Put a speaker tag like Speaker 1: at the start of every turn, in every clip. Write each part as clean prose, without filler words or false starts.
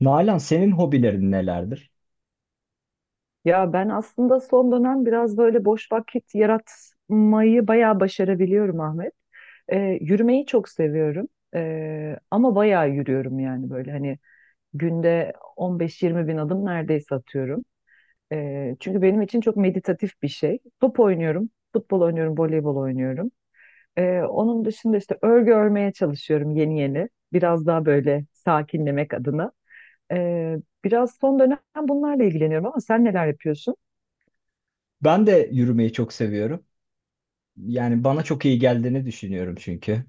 Speaker 1: Nalan, senin hobilerin nelerdir?
Speaker 2: Ya ben aslında son dönem biraz böyle boş vakit yaratmayı bayağı başarabiliyorum Ahmet. Yürümeyi çok seviyorum. Ama bayağı yürüyorum, yani böyle hani günde 15-20 bin adım neredeyse atıyorum. Çünkü benim için çok meditatif bir şey. Top oynuyorum, futbol oynuyorum, voleybol oynuyorum. Onun dışında işte örgü örmeye çalışıyorum yeni yeni. Biraz daha böyle sakinlemek adına. Ee, Biraz son dönem bunlarla ilgileniyorum, ama sen neler yapıyorsun?
Speaker 1: Ben de yürümeyi çok seviyorum. Yani bana çok iyi geldiğini düşünüyorum çünkü.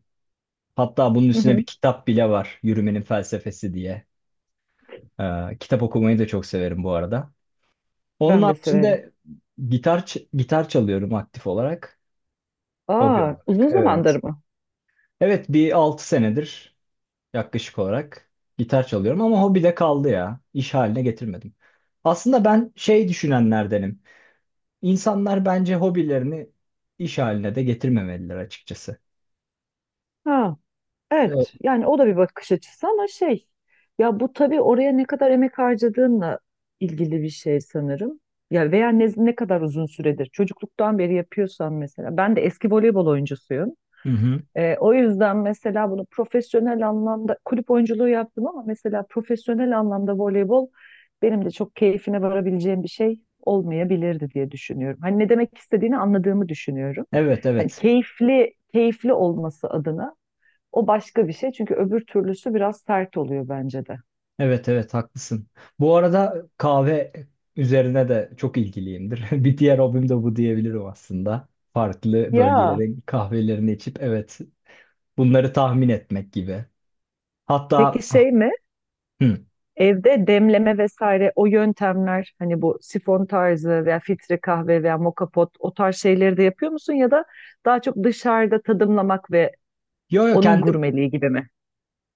Speaker 1: Hatta bunun üstüne bir kitap bile var. Yürümenin felsefesi diye. Kitap okumayı da çok severim bu arada. Onun
Speaker 2: Ben de severim.
Speaker 1: haricinde gitar çalıyorum aktif olarak. Hobi
Speaker 2: Aa,
Speaker 1: olarak.
Speaker 2: uzun
Speaker 1: Evet.
Speaker 2: zamandır mı?
Speaker 1: Evet, bir 6 senedir yaklaşık olarak gitar çalıyorum ama hobi de kaldı ya. İş haline getirmedim. Aslında ben şey düşünenlerdenim. İnsanlar bence hobilerini iş haline de getirmemeliler açıkçası.
Speaker 2: Ha,
Speaker 1: Evet.
Speaker 2: evet. Yani o da bir bakış açısı, ama şey, ya bu tabii oraya ne kadar emek harcadığınla ilgili bir şey sanırım. Ya veya ne kadar uzun süredir çocukluktan beri yapıyorsan mesela. Ben de eski voleybol oyuncusuyum.
Speaker 1: Hı hı.
Speaker 2: O yüzden mesela bunu profesyonel anlamda kulüp oyunculuğu yaptım, ama mesela profesyonel anlamda voleybol benim de çok keyfine varabileceğim bir şey olmayabilirdi diye düşünüyorum. Hani ne demek istediğini anladığımı düşünüyorum.
Speaker 1: Evet,
Speaker 2: Hani
Speaker 1: evet.
Speaker 2: keyifli keyifli olması adına o başka bir şey, çünkü öbür türlüsü biraz sert oluyor bence de.
Speaker 1: Evet, evet, haklısın. Bu arada kahve üzerine de çok ilgiliyimdir. Bir diğer hobim de bu diyebilirim aslında. Farklı
Speaker 2: Ya
Speaker 1: bölgelerin kahvelerini içip evet bunları tahmin etmek gibi.
Speaker 2: peki
Speaker 1: Hatta
Speaker 2: şey mi?
Speaker 1: hı.
Speaker 2: Evde demleme vesaire o yöntemler, hani bu sifon tarzı veya filtre kahve veya moka pot, o tarz şeyleri de yapıyor musun, ya da daha çok dışarıda tadımlamak ve
Speaker 1: Yo yo,
Speaker 2: onun gurmeliği gibi mi?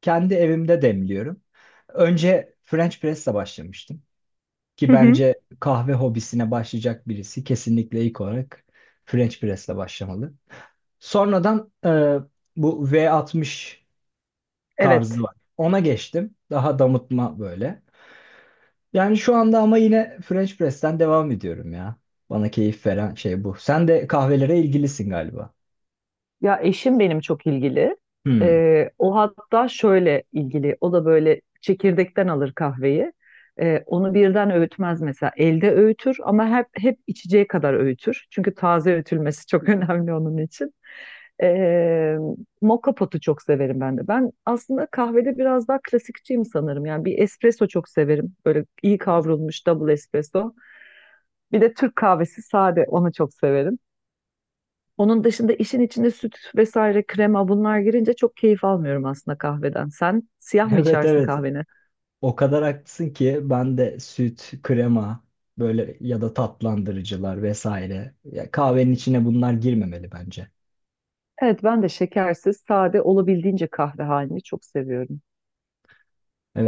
Speaker 1: kendi evimde demliyorum. Önce French press'le başlamıştım. Ki
Speaker 2: Hı hı.
Speaker 1: bence kahve hobisine başlayacak birisi kesinlikle ilk olarak French press'le başlamalı. Sonradan bu V60 tarzı
Speaker 2: Evet.
Speaker 1: var. Ona geçtim. Daha damıtma böyle. Yani şu anda ama yine French press'ten devam ediyorum ya. Bana keyif veren şey bu. Sen de kahvelere ilgilisin galiba.
Speaker 2: Ya eşim benim çok ilgili.
Speaker 1: Hmm.
Speaker 2: O hatta şöyle ilgili. O da böyle çekirdekten alır kahveyi. Onu birden öğütmez mesela. Elde öğütür, ama hep içeceği kadar öğütür. Çünkü taze öğütülmesi çok önemli onun için. Ee, Moka potu çok severim ben de. Ben aslında kahvede biraz daha klasikçiyim sanırım. Yani bir espresso çok severim. Böyle iyi kavrulmuş double espresso. Bir de Türk kahvesi sade, onu çok severim. Onun dışında işin içinde süt vesaire, krema, bunlar girince çok keyif almıyorum aslında kahveden. Sen siyah mı
Speaker 1: Evet,
Speaker 2: içersin
Speaker 1: evet.
Speaker 2: kahveni?
Speaker 1: O kadar haklısın ki ben de süt, krema böyle ya da tatlandırıcılar vesaire. Ya kahvenin içine bunlar girmemeli bence.
Speaker 2: Evet, ben de şekersiz sade, olabildiğince kahve halini çok seviyorum.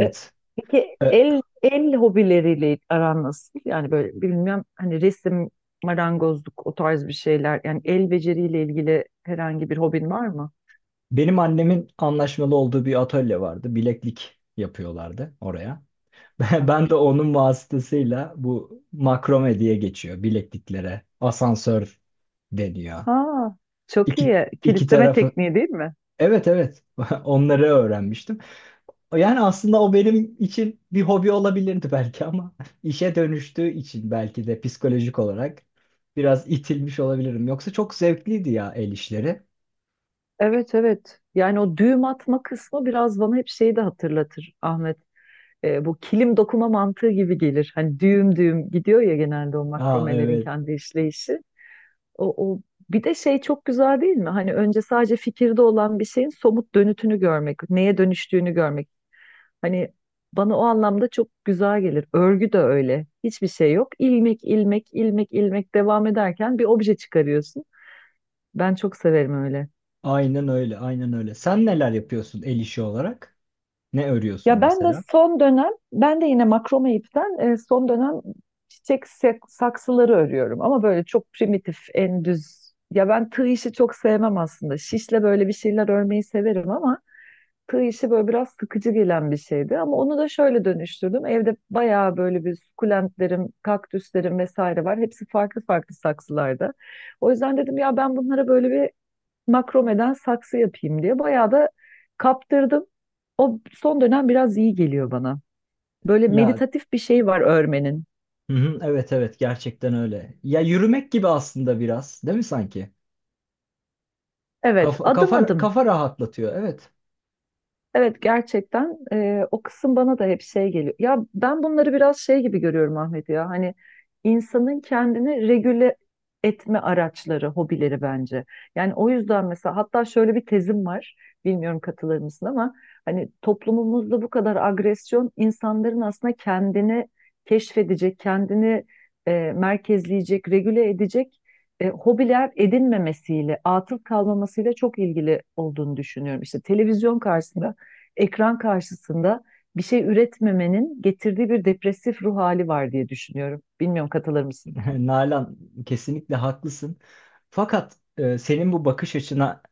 Speaker 2: E, Peki
Speaker 1: E,
Speaker 2: el hobileriyle aran nasıl? Yani böyle bilmem hani resim, marangozluk, o tarz bir şeyler. Yani el beceriyle ilgili herhangi bir hobin var mı?
Speaker 1: Benim annemin anlaşmalı olduğu bir atölye vardı. Bileklik yapıyorlardı oraya. Ben de onun vasıtasıyla bu makrome diye geçiyor bilekliklere. Asansör deniyor.
Speaker 2: Ha, çok
Speaker 1: İki,
Speaker 2: iyi.
Speaker 1: iki
Speaker 2: Kilitleme
Speaker 1: tarafı.
Speaker 2: tekniği değil mi?
Speaker 1: Evet, evet, onları öğrenmiştim. Yani aslında o benim için bir hobi olabilirdi belki ama işe dönüştüğü için belki de psikolojik olarak biraz itilmiş olabilirim. Yoksa çok zevkliydi ya el işleri.
Speaker 2: Evet evet. Yani o düğüm atma kısmı biraz bana hep şeyi de hatırlatır Ahmet. Bu kilim dokuma mantığı gibi gelir. Hani düğüm düğüm gidiyor ya genelde, o
Speaker 1: Aa
Speaker 2: makromelerin
Speaker 1: evet.
Speaker 2: kendi işleyişi. O bir de şey, çok güzel değil mi? Hani önce sadece fikirde olan bir şeyin somut dönütünü görmek, neye dönüştüğünü görmek. Hani bana o anlamda çok güzel gelir. Örgü de öyle. Hiçbir şey yok. İlmek, ilmek, ilmek, ilmek devam ederken bir obje çıkarıyorsun. Ben çok severim öyle.
Speaker 1: Aynen öyle, aynen öyle. Sen neler yapıyorsun el işi olarak? Ne örüyorsun
Speaker 2: Ya ben de
Speaker 1: mesela?
Speaker 2: son dönem, ben de yine makrome ipten son dönem çiçek saksıları örüyorum. Ama böyle çok primitif, en düz. Ya ben tığ işi çok sevmem aslında. Şişle böyle bir şeyler örmeyi severim, ama tığ işi böyle biraz sıkıcı gelen bir şeydi, ama onu da şöyle dönüştürdüm. Evde bayağı böyle bir sukulentlerim, kaktüslerim vesaire var. Hepsi farklı farklı saksılarda. O yüzden dedim ya, ben bunlara böyle bir makromeden saksı yapayım diye bayağı da kaptırdım. O son dönem biraz iyi geliyor bana. Böyle
Speaker 1: Ya
Speaker 2: meditatif bir şey var örmenin.
Speaker 1: hı hı, evet evet, gerçekten öyle. Ya yürümek gibi aslında biraz, değil mi sanki?
Speaker 2: Evet,
Speaker 1: Kafa
Speaker 2: adım
Speaker 1: kafa
Speaker 2: adım.
Speaker 1: kafa rahatlatıyor. Evet.
Speaker 2: Evet, gerçekten o kısım bana da hep şey geliyor. Ya ben bunları biraz şey gibi görüyorum Ahmet ya. Hani insanın kendini regüle etme araçları, hobileri bence. Yani o yüzden mesela, hatta şöyle bir tezim var. Bilmiyorum katılır mısın ama, hani toplumumuzda bu kadar agresyon, insanların aslında kendini keşfedecek, kendini merkezleyecek, regüle edecek hobiler edinmemesiyle, atıl kalmamasıyla çok ilgili olduğunu düşünüyorum. İşte televizyon karşısında, ekran karşısında bir şey üretmemenin getirdiği bir depresif ruh hali var diye düşünüyorum. Bilmiyorum katılır mısın?
Speaker 1: Nalan, kesinlikle haklısın. Fakat senin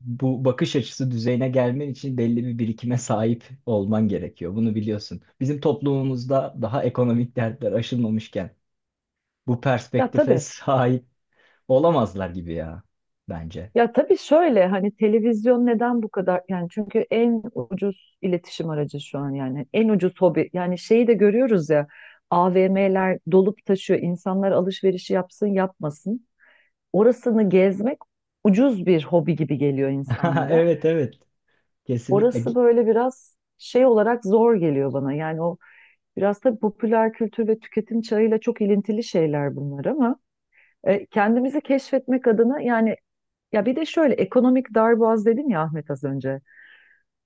Speaker 1: bu bakış açısı düzeyine gelmen için belli bir birikime sahip olman gerekiyor. Bunu biliyorsun. Bizim toplumumuzda daha ekonomik dertler aşılmamışken bu
Speaker 2: Ya
Speaker 1: perspektife
Speaker 2: tabii.
Speaker 1: sahip olamazlar gibi ya bence.
Speaker 2: Ya tabii, şöyle hani televizyon neden bu kadar, yani çünkü en ucuz iletişim aracı şu an, yani en ucuz hobi, yani şeyi de görüyoruz ya, AVM'ler dolup taşıyor, insanlar alışverişi yapsın yapmasın orasını gezmek ucuz bir hobi gibi geliyor insanlara,
Speaker 1: Evet, evet, kesinlikle,
Speaker 2: orası böyle biraz şey olarak zor geliyor bana yani o. Biraz tabii popüler kültür ve tüketim çağıyla çok ilintili şeyler bunlar, ama kendimizi keşfetmek adına yani, ya bir de şöyle ekonomik darboğaz dedim ya Ahmet az önce.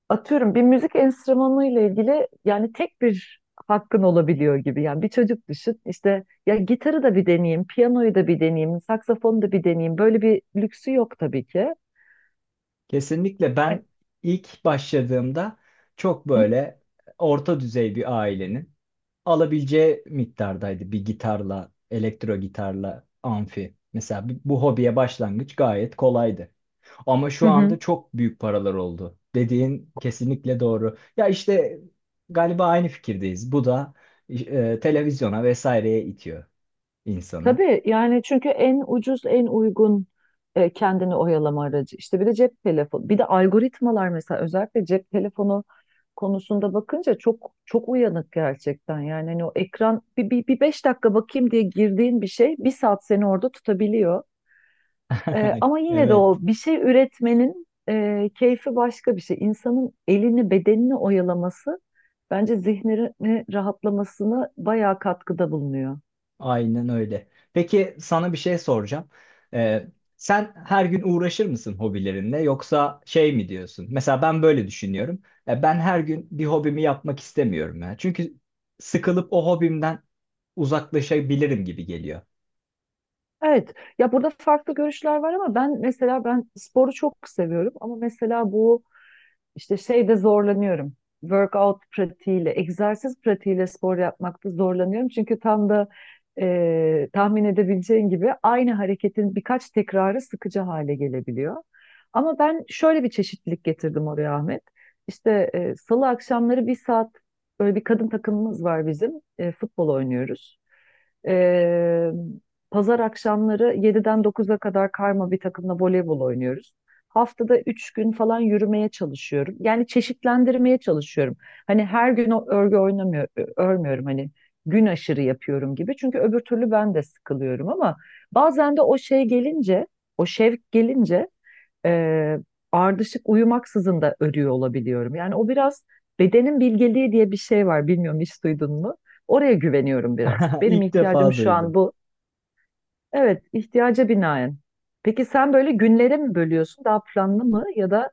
Speaker 2: Atıyorum bir müzik enstrümanı ile ilgili, yani tek bir hakkın olabiliyor gibi. Yani bir çocuk düşün, işte ya gitarı da bir deneyeyim, piyanoyu da bir deneyeyim, saksafonu da bir deneyeyim. Böyle bir lüksü yok tabii ki.
Speaker 1: kesinlikle,
Speaker 2: Ay,
Speaker 1: ben ilk başladığımda çok böyle orta düzey bir ailenin alabileceği miktardaydı bir gitarla, elektro gitarla, amfi. Mesela bu hobiye başlangıç gayet kolaydı. Ama
Speaker 2: hı
Speaker 1: şu
Speaker 2: hı.
Speaker 1: anda çok büyük paralar oldu. Dediğin kesinlikle doğru. Ya işte galiba aynı fikirdeyiz. Bu da televizyona vesaireye itiyor insanı.
Speaker 2: Tabii, yani çünkü en ucuz, en uygun kendini oyalama aracı. İşte bir de cep telefonu, bir de algoritmalar, mesela özellikle cep telefonu konusunda bakınca çok çok uyanık gerçekten. Yani hani o ekran bir 5 dakika bakayım diye girdiğin bir şey bir saat seni orada tutabiliyor. Ama yine de o
Speaker 1: Evet,
Speaker 2: bir şey üretmenin keyfi başka bir şey. İnsanın elini, bedenini oyalaması bence zihnini rahatlamasına bayağı katkıda bulunuyor.
Speaker 1: aynen öyle. Peki sana bir şey soracağım. Ee, Sen her gün uğraşır mısın hobilerinle yoksa şey mi diyorsun? Mesela ben böyle düşünüyorum. Ben her gün bir hobimi yapmak istemiyorum ya. Çünkü sıkılıp o hobimden uzaklaşabilirim gibi geliyor.
Speaker 2: Evet. Ya burada farklı görüşler var, ama ben mesela, ben sporu çok seviyorum, ama mesela bu işte şeyde zorlanıyorum. Workout pratiğiyle, egzersiz pratiğiyle spor yapmakta zorlanıyorum. Çünkü tam da tahmin edebileceğin gibi aynı hareketin birkaç tekrarı sıkıcı hale gelebiliyor. Ama ben şöyle bir çeşitlilik getirdim oraya Ahmet. İşte salı akşamları bir saat böyle bir kadın takımımız var bizim. E, futbol oynuyoruz. E, Pazar akşamları 7'den 9'a kadar karma bir takımla voleybol oynuyoruz. Haftada 3 gün falan yürümeye çalışıyorum. Yani çeşitlendirmeye çalışıyorum. Hani her gün o örgü oynamıyor, örmüyorum, hani gün aşırı yapıyorum gibi. Çünkü öbür türlü ben de sıkılıyorum, ama bazen de o şey gelince, o şevk gelince e, ardışık uyumaksızın da örüyor olabiliyorum. Yani o biraz bedenin bilgeliği diye bir şey var. Bilmiyorum hiç duydun mu? Oraya güveniyorum biraz. Benim
Speaker 1: İlk
Speaker 2: ihtiyacım
Speaker 1: defa
Speaker 2: şu an
Speaker 1: duydum.
Speaker 2: bu. Evet, ihtiyaca binaen. Peki sen böyle günlere mi bölüyorsun, daha planlı mı, ya da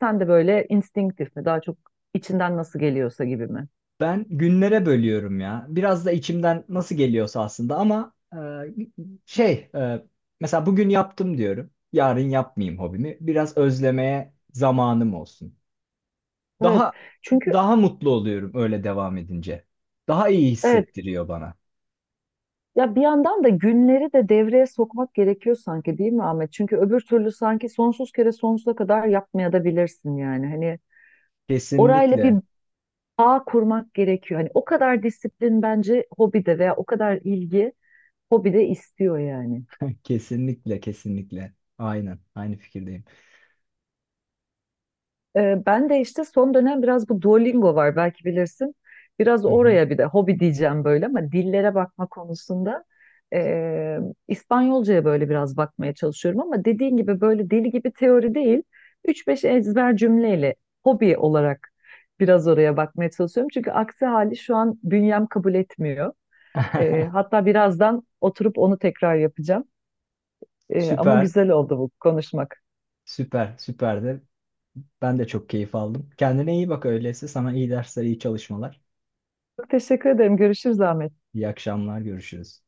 Speaker 2: sen de böyle instinktif mi, daha çok içinden nasıl geliyorsa gibi mi?
Speaker 1: Ben günlere bölüyorum ya. Biraz da içimden nasıl geliyorsa aslında ama şey e, mesela bugün yaptım diyorum. Yarın yapmayayım hobimi. Biraz özlemeye zamanım olsun.
Speaker 2: Evet,
Speaker 1: Daha
Speaker 2: çünkü
Speaker 1: daha mutlu oluyorum öyle devam edince. Daha iyi
Speaker 2: evet,
Speaker 1: hissettiriyor bana.
Speaker 2: ya bir yandan da günleri de devreye sokmak gerekiyor sanki, değil mi Ahmet? Çünkü öbür türlü sanki sonsuz kere sonsuza kadar yapmaya da bilirsin yani. Hani orayla bir
Speaker 1: Kesinlikle.
Speaker 2: bağ kurmak gerekiyor. Hani o kadar disiplin bence hobide, veya o kadar ilgi hobide istiyor yani.
Speaker 1: Kesinlikle, kesinlikle. Aynen, aynı fikirdeyim.
Speaker 2: Ben de işte son dönem biraz bu Duolingo var, belki bilirsin. Biraz
Speaker 1: Hı hı.
Speaker 2: oraya bir de hobi diyeceğim böyle, ama dillere bakma konusunda ee, İspanyolcaya böyle biraz bakmaya çalışıyorum, ama dediğin gibi böyle deli gibi teori değil. 3-5 ezber cümleyle hobi olarak biraz oraya bakmaya çalışıyorum. Çünkü aksi hali şu an bünyem kabul etmiyor. Hatta birazdan oturup onu tekrar yapacağım. Ama
Speaker 1: Süper,
Speaker 2: güzel oldu bu konuşmak.
Speaker 1: süper, süper de. Ben de çok keyif aldım. Kendine iyi bak öyleyse. Sana iyi dersler, iyi çalışmalar.
Speaker 2: Çok teşekkür ederim. Görüşürüz Ahmet.
Speaker 1: İyi akşamlar, görüşürüz.